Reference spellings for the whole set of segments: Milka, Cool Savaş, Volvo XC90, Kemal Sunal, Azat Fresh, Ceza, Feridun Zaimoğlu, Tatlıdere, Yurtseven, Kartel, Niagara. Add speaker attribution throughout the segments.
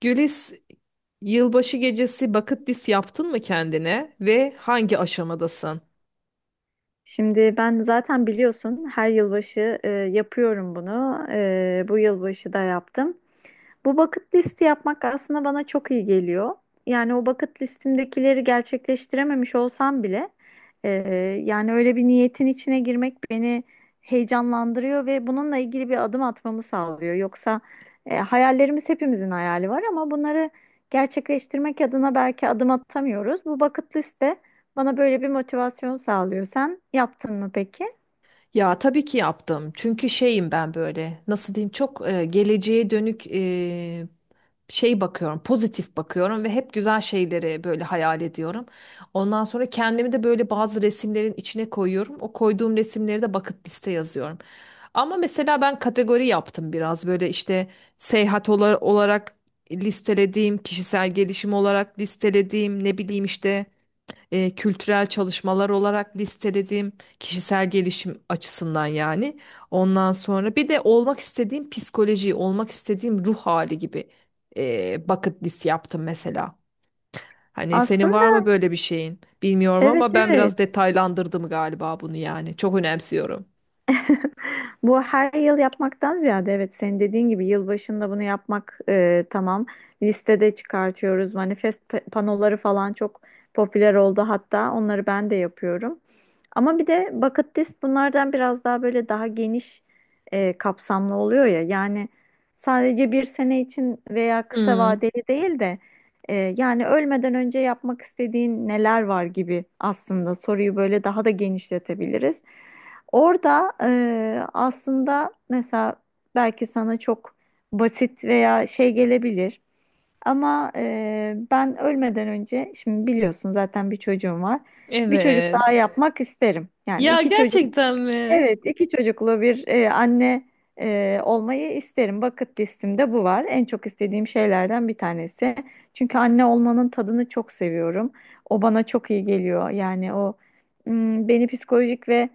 Speaker 1: Gülis, yılbaşı gecesi bucket list yaptın mı kendine ve hangi aşamadasın?
Speaker 2: Şimdi ben zaten biliyorsun her yılbaşı yapıyorum bunu. Bu yılbaşı da yaptım. Bu bucket listi yapmak aslında bana çok iyi geliyor. Yani o bucket listimdekileri gerçekleştirememiş olsam bile, e, yani öyle bir niyetin içine girmek beni heyecanlandırıyor ve bununla ilgili bir adım atmamı sağlıyor. Yoksa hayallerimiz, hepimizin hayali var ama bunları gerçekleştirmek adına belki adım atamıyoruz. Bu bucket liste bana böyle bir motivasyon sağlıyor. Sen yaptın mı peki?
Speaker 1: Ya tabii ki yaptım. Çünkü şeyim ben böyle nasıl diyeyim çok geleceğe dönük şey bakıyorum, pozitif bakıyorum ve hep güzel şeyleri böyle hayal ediyorum. Ondan sonra kendimi de böyle bazı resimlerin içine koyuyorum. O koyduğum resimleri de bucket liste yazıyorum. Ama mesela ben kategori yaptım biraz böyle işte seyahat olarak listelediğim, kişisel gelişim olarak listelediğim, ne bileyim işte kültürel çalışmalar olarak listelediğim, kişisel gelişim açısından yani. Ondan sonra bir de olmak istediğim psikoloji, olmak istediğim ruh hali gibi bucket list yaptım mesela. Hani senin
Speaker 2: Aslında,
Speaker 1: var mı böyle bir şeyin? Bilmiyorum ama
Speaker 2: evet,
Speaker 1: ben
Speaker 2: evet.
Speaker 1: biraz detaylandırdım galiba bunu yani. Çok önemsiyorum.
Speaker 2: Bu her yıl yapmaktan ziyade, evet, senin dediğin gibi yılbaşında bunu yapmak tamam. Listede çıkartıyoruz. Manifest panoları falan çok popüler oldu hatta. Onları ben de yapıyorum. Ama bir de bucket list bunlardan biraz daha böyle daha geniş kapsamlı oluyor ya. Yani sadece bir sene için veya kısa
Speaker 1: Hmm,
Speaker 2: vadeli değil de yani ölmeden önce yapmak istediğin neler var gibi, aslında soruyu böyle daha da genişletebiliriz. Orada aslında mesela belki sana çok basit veya şey gelebilir. Ama ben ölmeden önce, şimdi biliyorsun zaten bir çocuğum var. Bir çocuk daha,
Speaker 1: evet.
Speaker 2: evet, yapmak isterim. Yani
Speaker 1: Ya
Speaker 2: iki çocuk,
Speaker 1: gerçekten mi?
Speaker 2: evet, iki çocuklu bir anne olmayı isterim. Bucket listimde bu var. En çok istediğim şeylerden bir tanesi. Çünkü anne olmanın tadını çok seviyorum. O bana çok iyi geliyor. Yani o beni psikolojik ve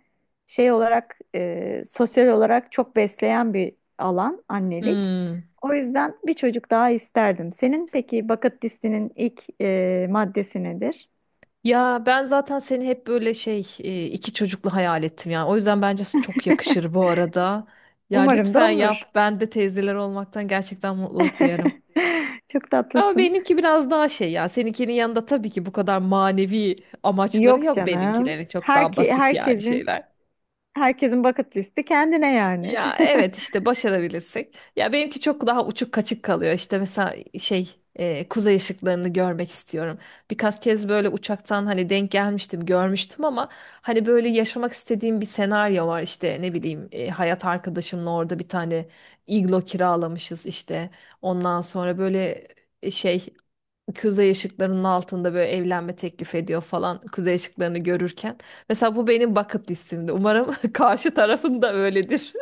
Speaker 2: şey olarak, sosyal olarak çok besleyen bir alan annelik.
Speaker 1: Hmm.
Speaker 2: O yüzden bir çocuk daha isterdim. Senin peki bucket listinin ilk maddesi nedir?
Speaker 1: Ya ben zaten seni hep böyle şey iki çocuklu hayal ettim yani. O yüzden bence çok yakışır bu arada. Ya
Speaker 2: Umarım da
Speaker 1: lütfen
Speaker 2: olur.
Speaker 1: yap. Ben de teyzeler olmaktan gerçekten mutluluk duyarım.
Speaker 2: Çok
Speaker 1: Ama
Speaker 2: tatlısın.
Speaker 1: benimki biraz daha şey ya. Seninkinin yanında tabii ki bu kadar manevi amaçları
Speaker 2: Yok
Speaker 1: yok
Speaker 2: canım.
Speaker 1: benimkilerin. Çok daha
Speaker 2: Herke
Speaker 1: basit yani
Speaker 2: herkesin
Speaker 1: şeyler.
Speaker 2: herkesin bucket listi kendine yani.
Speaker 1: Ya evet işte başarabilirsek. Ya benimki çok daha uçuk kaçık kalıyor. İşte mesela şey kuzey ışıklarını görmek istiyorum. Birkaç kez böyle uçaktan hani denk gelmiştim, görmüştüm ama hani böyle yaşamak istediğim bir senaryo var. İşte ne bileyim hayat arkadaşımla orada bir tane iglo kiralamışız işte. Ondan sonra böyle şey kuzey ışıklarının altında böyle evlenme teklif ediyor falan kuzey ışıklarını görürken. Mesela bu benim bucket listimde. Umarım karşı tarafın da öyledir.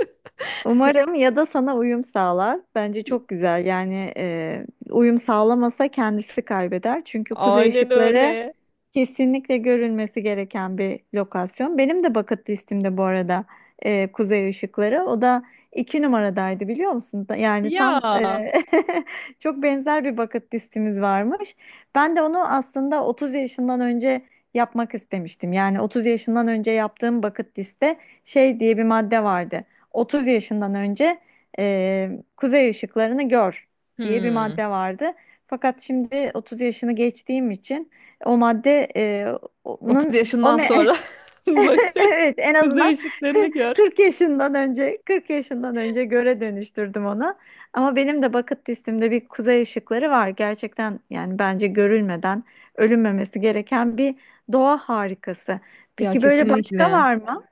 Speaker 2: Umarım ya da sana uyum sağlar. Bence çok güzel. Yani uyum sağlamasa kendisi kaybeder. Çünkü kuzey
Speaker 1: Aynen
Speaker 2: ışıkları
Speaker 1: öyle.
Speaker 2: kesinlikle görülmesi gereken bir lokasyon. Benim de bucket listimde bu arada kuzey ışıkları. O da iki numaradaydı biliyor musun? Yani
Speaker 1: Ya.
Speaker 2: tam, çok benzer bir bucket listimiz varmış. Ben de onu aslında 30 yaşından önce yapmak istemiştim. Yani 30 yaşından önce yaptığım bucket liste şey diye bir madde vardı. 30 yaşından önce e, kuzey ışıklarını gör diye bir
Speaker 1: Hmm.
Speaker 2: madde vardı. Fakat şimdi 30 yaşını geçtiğim için o madde,
Speaker 1: 30
Speaker 2: onun o
Speaker 1: yaşından sonra bak
Speaker 2: evet, en
Speaker 1: kuzey
Speaker 2: azından
Speaker 1: ışıklarını gör.
Speaker 2: 40 yaşından önce, 40 yaşından önce göre dönüştürdüm onu. Ama benim de bucket listemde bir kuzey ışıkları var. Gerçekten yani bence görülmeden ölünmemesi gereken bir doğa harikası.
Speaker 1: Ya
Speaker 2: Peki böyle başka
Speaker 1: kesinlikle.
Speaker 2: var mı?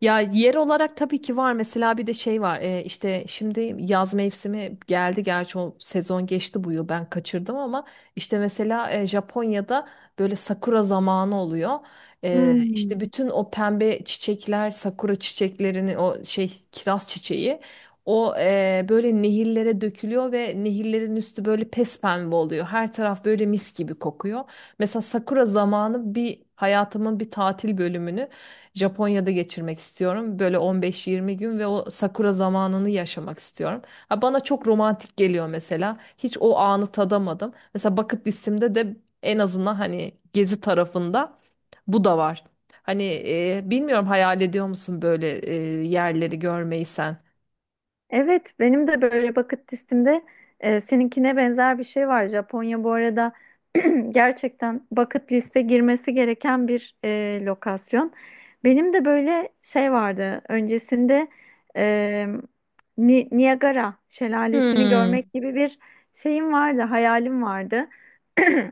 Speaker 1: Ya yer olarak tabii ki var. Mesela bir de şey var. E, işte şimdi yaz mevsimi geldi. Gerçi o sezon geçti bu yıl. Ben kaçırdım ama işte mesela Japonya'da böyle sakura zamanı oluyor. E,
Speaker 2: Hmm.
Speaker 1: işte bütün o pembe çiçekler, sakura çiçeklerinin o şey kiraz çiçeği o böyle nehirlere dökülüyor ve nehirlerin üstü böyle pespembe oluyor. Her taraf böyle mis gibi kokuyor. Mesela sakura zamanı bir hayatımın bir tatil bölümünü Japonya'da geçirmek istiyorum. Böyle 15-20 gün ve o sakura zamanını yaşamak istiyorum. Ha, bana çok romantik geliyor mesela. Hiç o anı tadamadım. Mesela bucket listemde de en azından hani gezi tarafında bu da var. Hani bilmiyorum hayal ediyor musun böyle yerleri görmeyi sen?
Speaker 2: Evet, benim de böyle bucket listemde seninkine benzer bir şey var. Japonya bu arada gerçekten bucket liste girmesi gereken bir lokasyon. Benim de böyle şey vardı. Öncesinde e, Niagara şelalesini
Speaker 1: Hmm,
Speaker 2: görmek gibi bir şeyim vardı, hayalim vardı.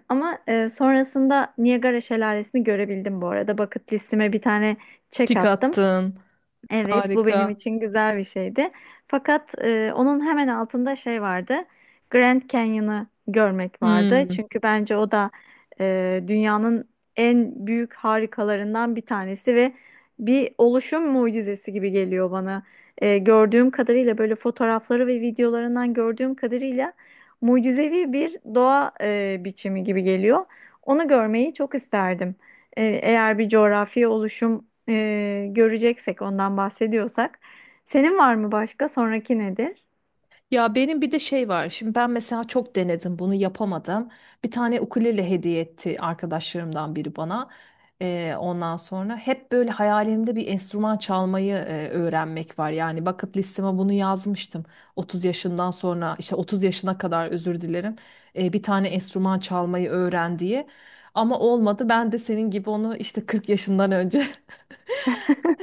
Speaker 2: Ama sonrasında Niagara şelalesini görebildim bu arada. Bucket listeme bir tane çek
Speaker 1: tik
Speaker 2: attım.
Speaker 1: attın.
Speaker 2: Evet, bu benim
Speaker 1: Harika.
Speaker 2: için güzel bir şeydi. Fakat onun hemen altında şey vardı. Grand Canyon'ı görmek vardı.
Speaker 1: Hmm.
Speaker 2: Çünkü bence o da dünyanın en büyük harikalarından bir tanesi ve bir oluşum mucizesi gibi geliyor bana. Gördüğüm kadarıyla böyle fotoğrafları ve videolarından gördüğüm kadarıyla mucizevi bir doğa biçimi gibi geliyor. Onu görmeyi çok isterdim. Eğer bir coğrafi oluşum göreceksek ondan bahsediyorsak. Senin var mı başka? Sonraki nedir?
Speaker 1: Ya benim bir de şey var. Şimdi ben mesela çok denedim bunu yapamadım. Bir tane ukulele hediye etti arkadaşlarımdan biri bana. Ondan sonra hep böyle hayalimde bir enstrüman çalmayı öğrenmek var. Yani bucket listeme bunu yazmıştım. 30 yaşından sonra işte 30 yaşına kadar özür dilerim. Bir tane enstrüman çalmayı öğren diye. Ama olmadı. Ben de senin gibi onu işte 40 yaşından önce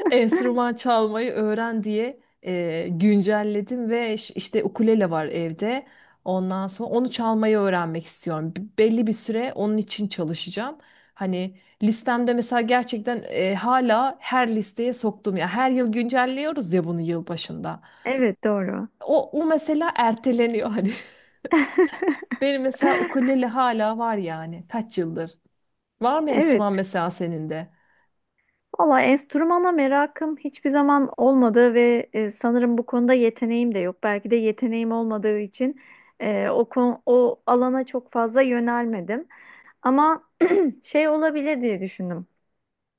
Speaker 1: enstrüman çalmayı öğren diye güncelledim ve işte ukulele var evde. Ondan sonra onu çalmayı öğrenmek istiyorum. Belli bir süre onun için çalışacağım. Hani listemde mesela gerçekten hala her listeye soktum ya. Her yıl güncelliyoruz ya bunu yılbaşında.
Speaker 2: Evet, doğru.
Speaker 1: O mesela erteleniyor hani. Benim mesela ukulele hala var yani. Kaç yıldır? Var mı enstrüman
Speaker 2: Evet.
Speaker 1: mesela senin de?
Speaker 2: Valla enstrümana merakım hiçbir zaman olmadı ve sanırım bu konuda yeteneğim de yok. Belki de yeteneğim olmadığı için o alana çok fazla yönelmedim. Ama şey olabilir diye düşündüm.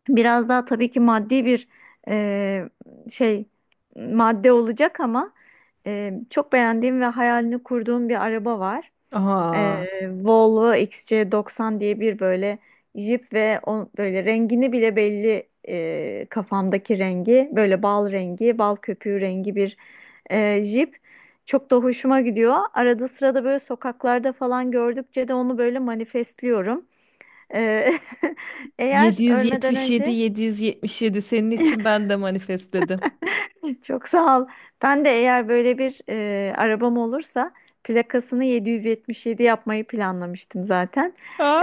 Speaker 2: Biraz daha tabii ki maddi bir e, şey madde olacak ama çok beğendiğim ve hayalini kurduğum bir araba var. E,
Speaker 1: Aa.
Speaker 2: Volvo XC90 diye bir böyle jip ve o, böyle rengini bile belli, kafamdaki rengi böyle bal rengi, bal köpüğü rengi bir jip. Çok da hoşuma gidiyor. Arada sırada böyle sokaklarda falan gördükçe de onu böyle manifestliyorum. E, eğer ölmeden
Speaker 1: 777
Speaker 2: önce...
Speaker 1: 777 senin için ben de manifest dedim.
Speaker 2: Çok sağ ol. Ben de eğer böyle bir arabam olursa plakasını 777 yapmayı planlamıştım zaten.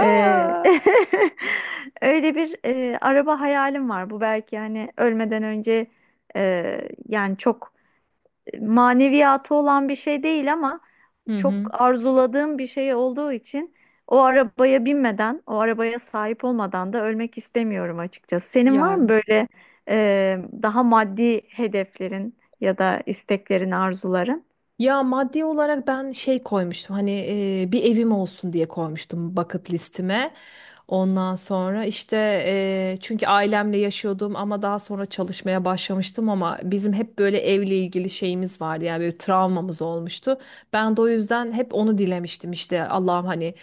Speaker 2: E, öyle bir araba hayalim var. Bu belki hani ölmeden önce, e, yani çok maneviyatı olan bir şey değil ama
Speaker 1: Hı hı.
Speaker 2: çok arzuladığım bir şey olduğu için o arabaya binmeden, o arabaya sahip olmadan da ölmek istemiyorum açıkçası. Senin var
Speaker 1: Ya
Speaker 2: mı böyle daha maddi hedeflerin ya da isteklerin, arzuların?
Speaker 1: Ya maddi olarak ben şey koymuştum hani bir evim olsun diye koymuştum bucket listime. Ondan sonra işte çünkü ailemle yaşıyordum ama daha sonra çalışmaya başlamıştım ama bizim hep böyle evle ilgili şeyimiz vardı yani böyle travmamız olmuştu. Ben de o yüzden hep onu dilemiştim işte Allah'ım hani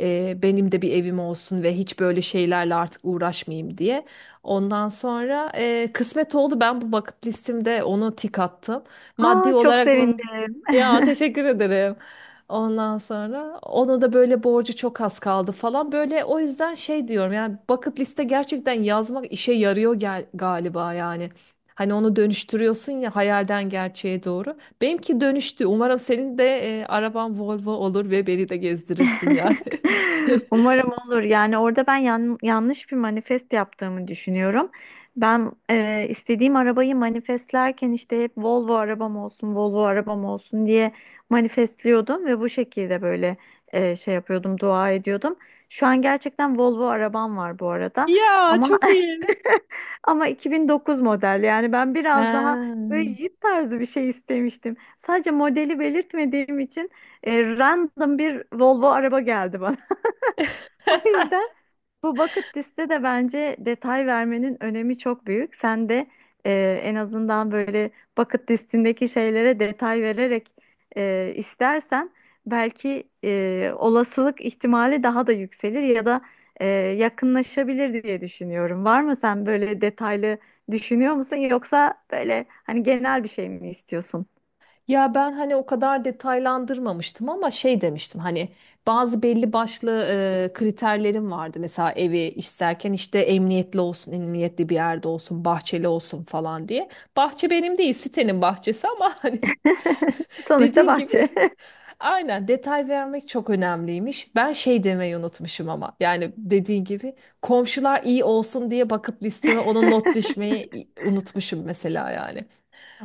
Speaker 1: benim de bir evim olsun ve hiç böyle şeylerle artık uğraşmayayım diye. Ondan sonra kısmet oldu ben bu bucket listimde onu tik attım. Maddi
Speaker 2: Aa, çok
Speaker 1: olarak
Speaker 2: sevindim.
Speaker 1: ya teşekkür ederim. Ondan sonra onu da böyle borcu çok az kaldı falan. Böyle o yüzden şey diyorum yani bucket liste gerçekten yazmak işe yarıyor gel galiba yani. Hani onu dönüştürüyorsun ya hayalden gerçeğe doğru. Benimki dönüştü. Umarım senin de araban Volvo olur ve beni de gezdirirsin yani.
Speaker 2: Umarım olur. Yani orada ben yanlış bir manifest yaptığımı düşünüyorum. Ben istediğim arabayı manifestlerken işte hep Volvo arabam olsun, Volvo arabam olsun diye manifestliyordum ve bu şekilde böyle şey yapıyordum, dua ediyordum. Şu an gerçekten Volvo arabam var bu arada.
Speaker 1: Ya
Speaker 2: Ama
Speaker 1: çok iyi.
Speaker 2: Ama 2009 model, yani ben biraz daha
Speaker 1: Ha.
Speaker 2: böyle jip tarzı bir şey istemiştim. Sadece modeli belirtmediğim için random bir Volvo araba geldi bana. O yüzden bu bucket liste de bence detay vermenin önemi çok büyük. Sen de en azından böyle bucket listindeki şeylere detay vererek, istersen belki olasılık ihtimali daha da yükselir ya da yakınlaşabilir diye düşünüyorum. Var mı, sen böyle detaylı düşünüyor musun, yoksa böyle hani genel bir şey mi istiyorsun?
Speaker 1: Ya ben hani o kadar detaylandırmamıştım ama şey demiştim hani bazı belli başlı kriterlerim vardı. Mesela evi isterken işte emniyetli olsun, emniyetli bir yerde olsun, bahçeli olsun falan diye. Bahçe benim değil, sitenin bahçesi ama hani
Speaker 2: Sonuçta
Speaker 1: dediğin gibi
Speaker 2: bahçe.
Speaker 1: aynen detay vermek çok önemliymiş. Ben şey demeyi unutmuşum ama yani dediğin gibi komşular iyi olsun diye bucket listeme ona not düşmeyi unutmuşum mesela yani.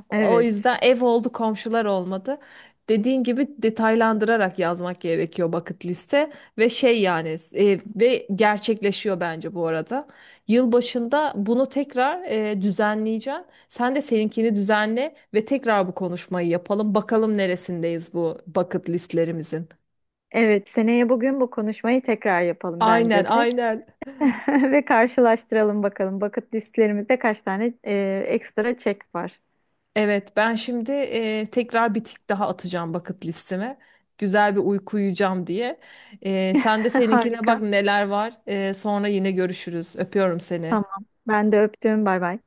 Speaker 1: O
Speaker 2: Evet.
Speaker 1: yüzden ev oldu, komşular olmadı. Dediğin gibi detaylandırarak yazmak gerekiyor bucket liste ve şey yani ve gerçekleşiyor bence bu arada. Yılbaşında bunu tekrar düzenleyeceğim. Sen de seninkini düzenle ve tekrar bu konuşmayı yapalım. Bakalım neresindeyiz bu bucket listlerimizin.
Speaker 2: Evet, seneye bugün bu konuşmayı tekrar yapalım
Speaker 1: Aynen,
Speaker 2: bence de.
Speaker 1: aynen.
Speaker 2: Ve karşılaştıralım bakalım. Bucket listlerimizde kaç tane ekstra çek var.
Speaker 1: Evet, ben şimdi tekrar bir tik daha atacağım bucket listeme. Güzel bir uyku uyuyacağım diye. E, sen de seninkine bak
Speaker 2: Harika.
Speaker 1: neler var. Sonra yine görüşürüz. Öpüyorum seni.
Speaker 2: Tamam. Ben de öptüm. Bay bay.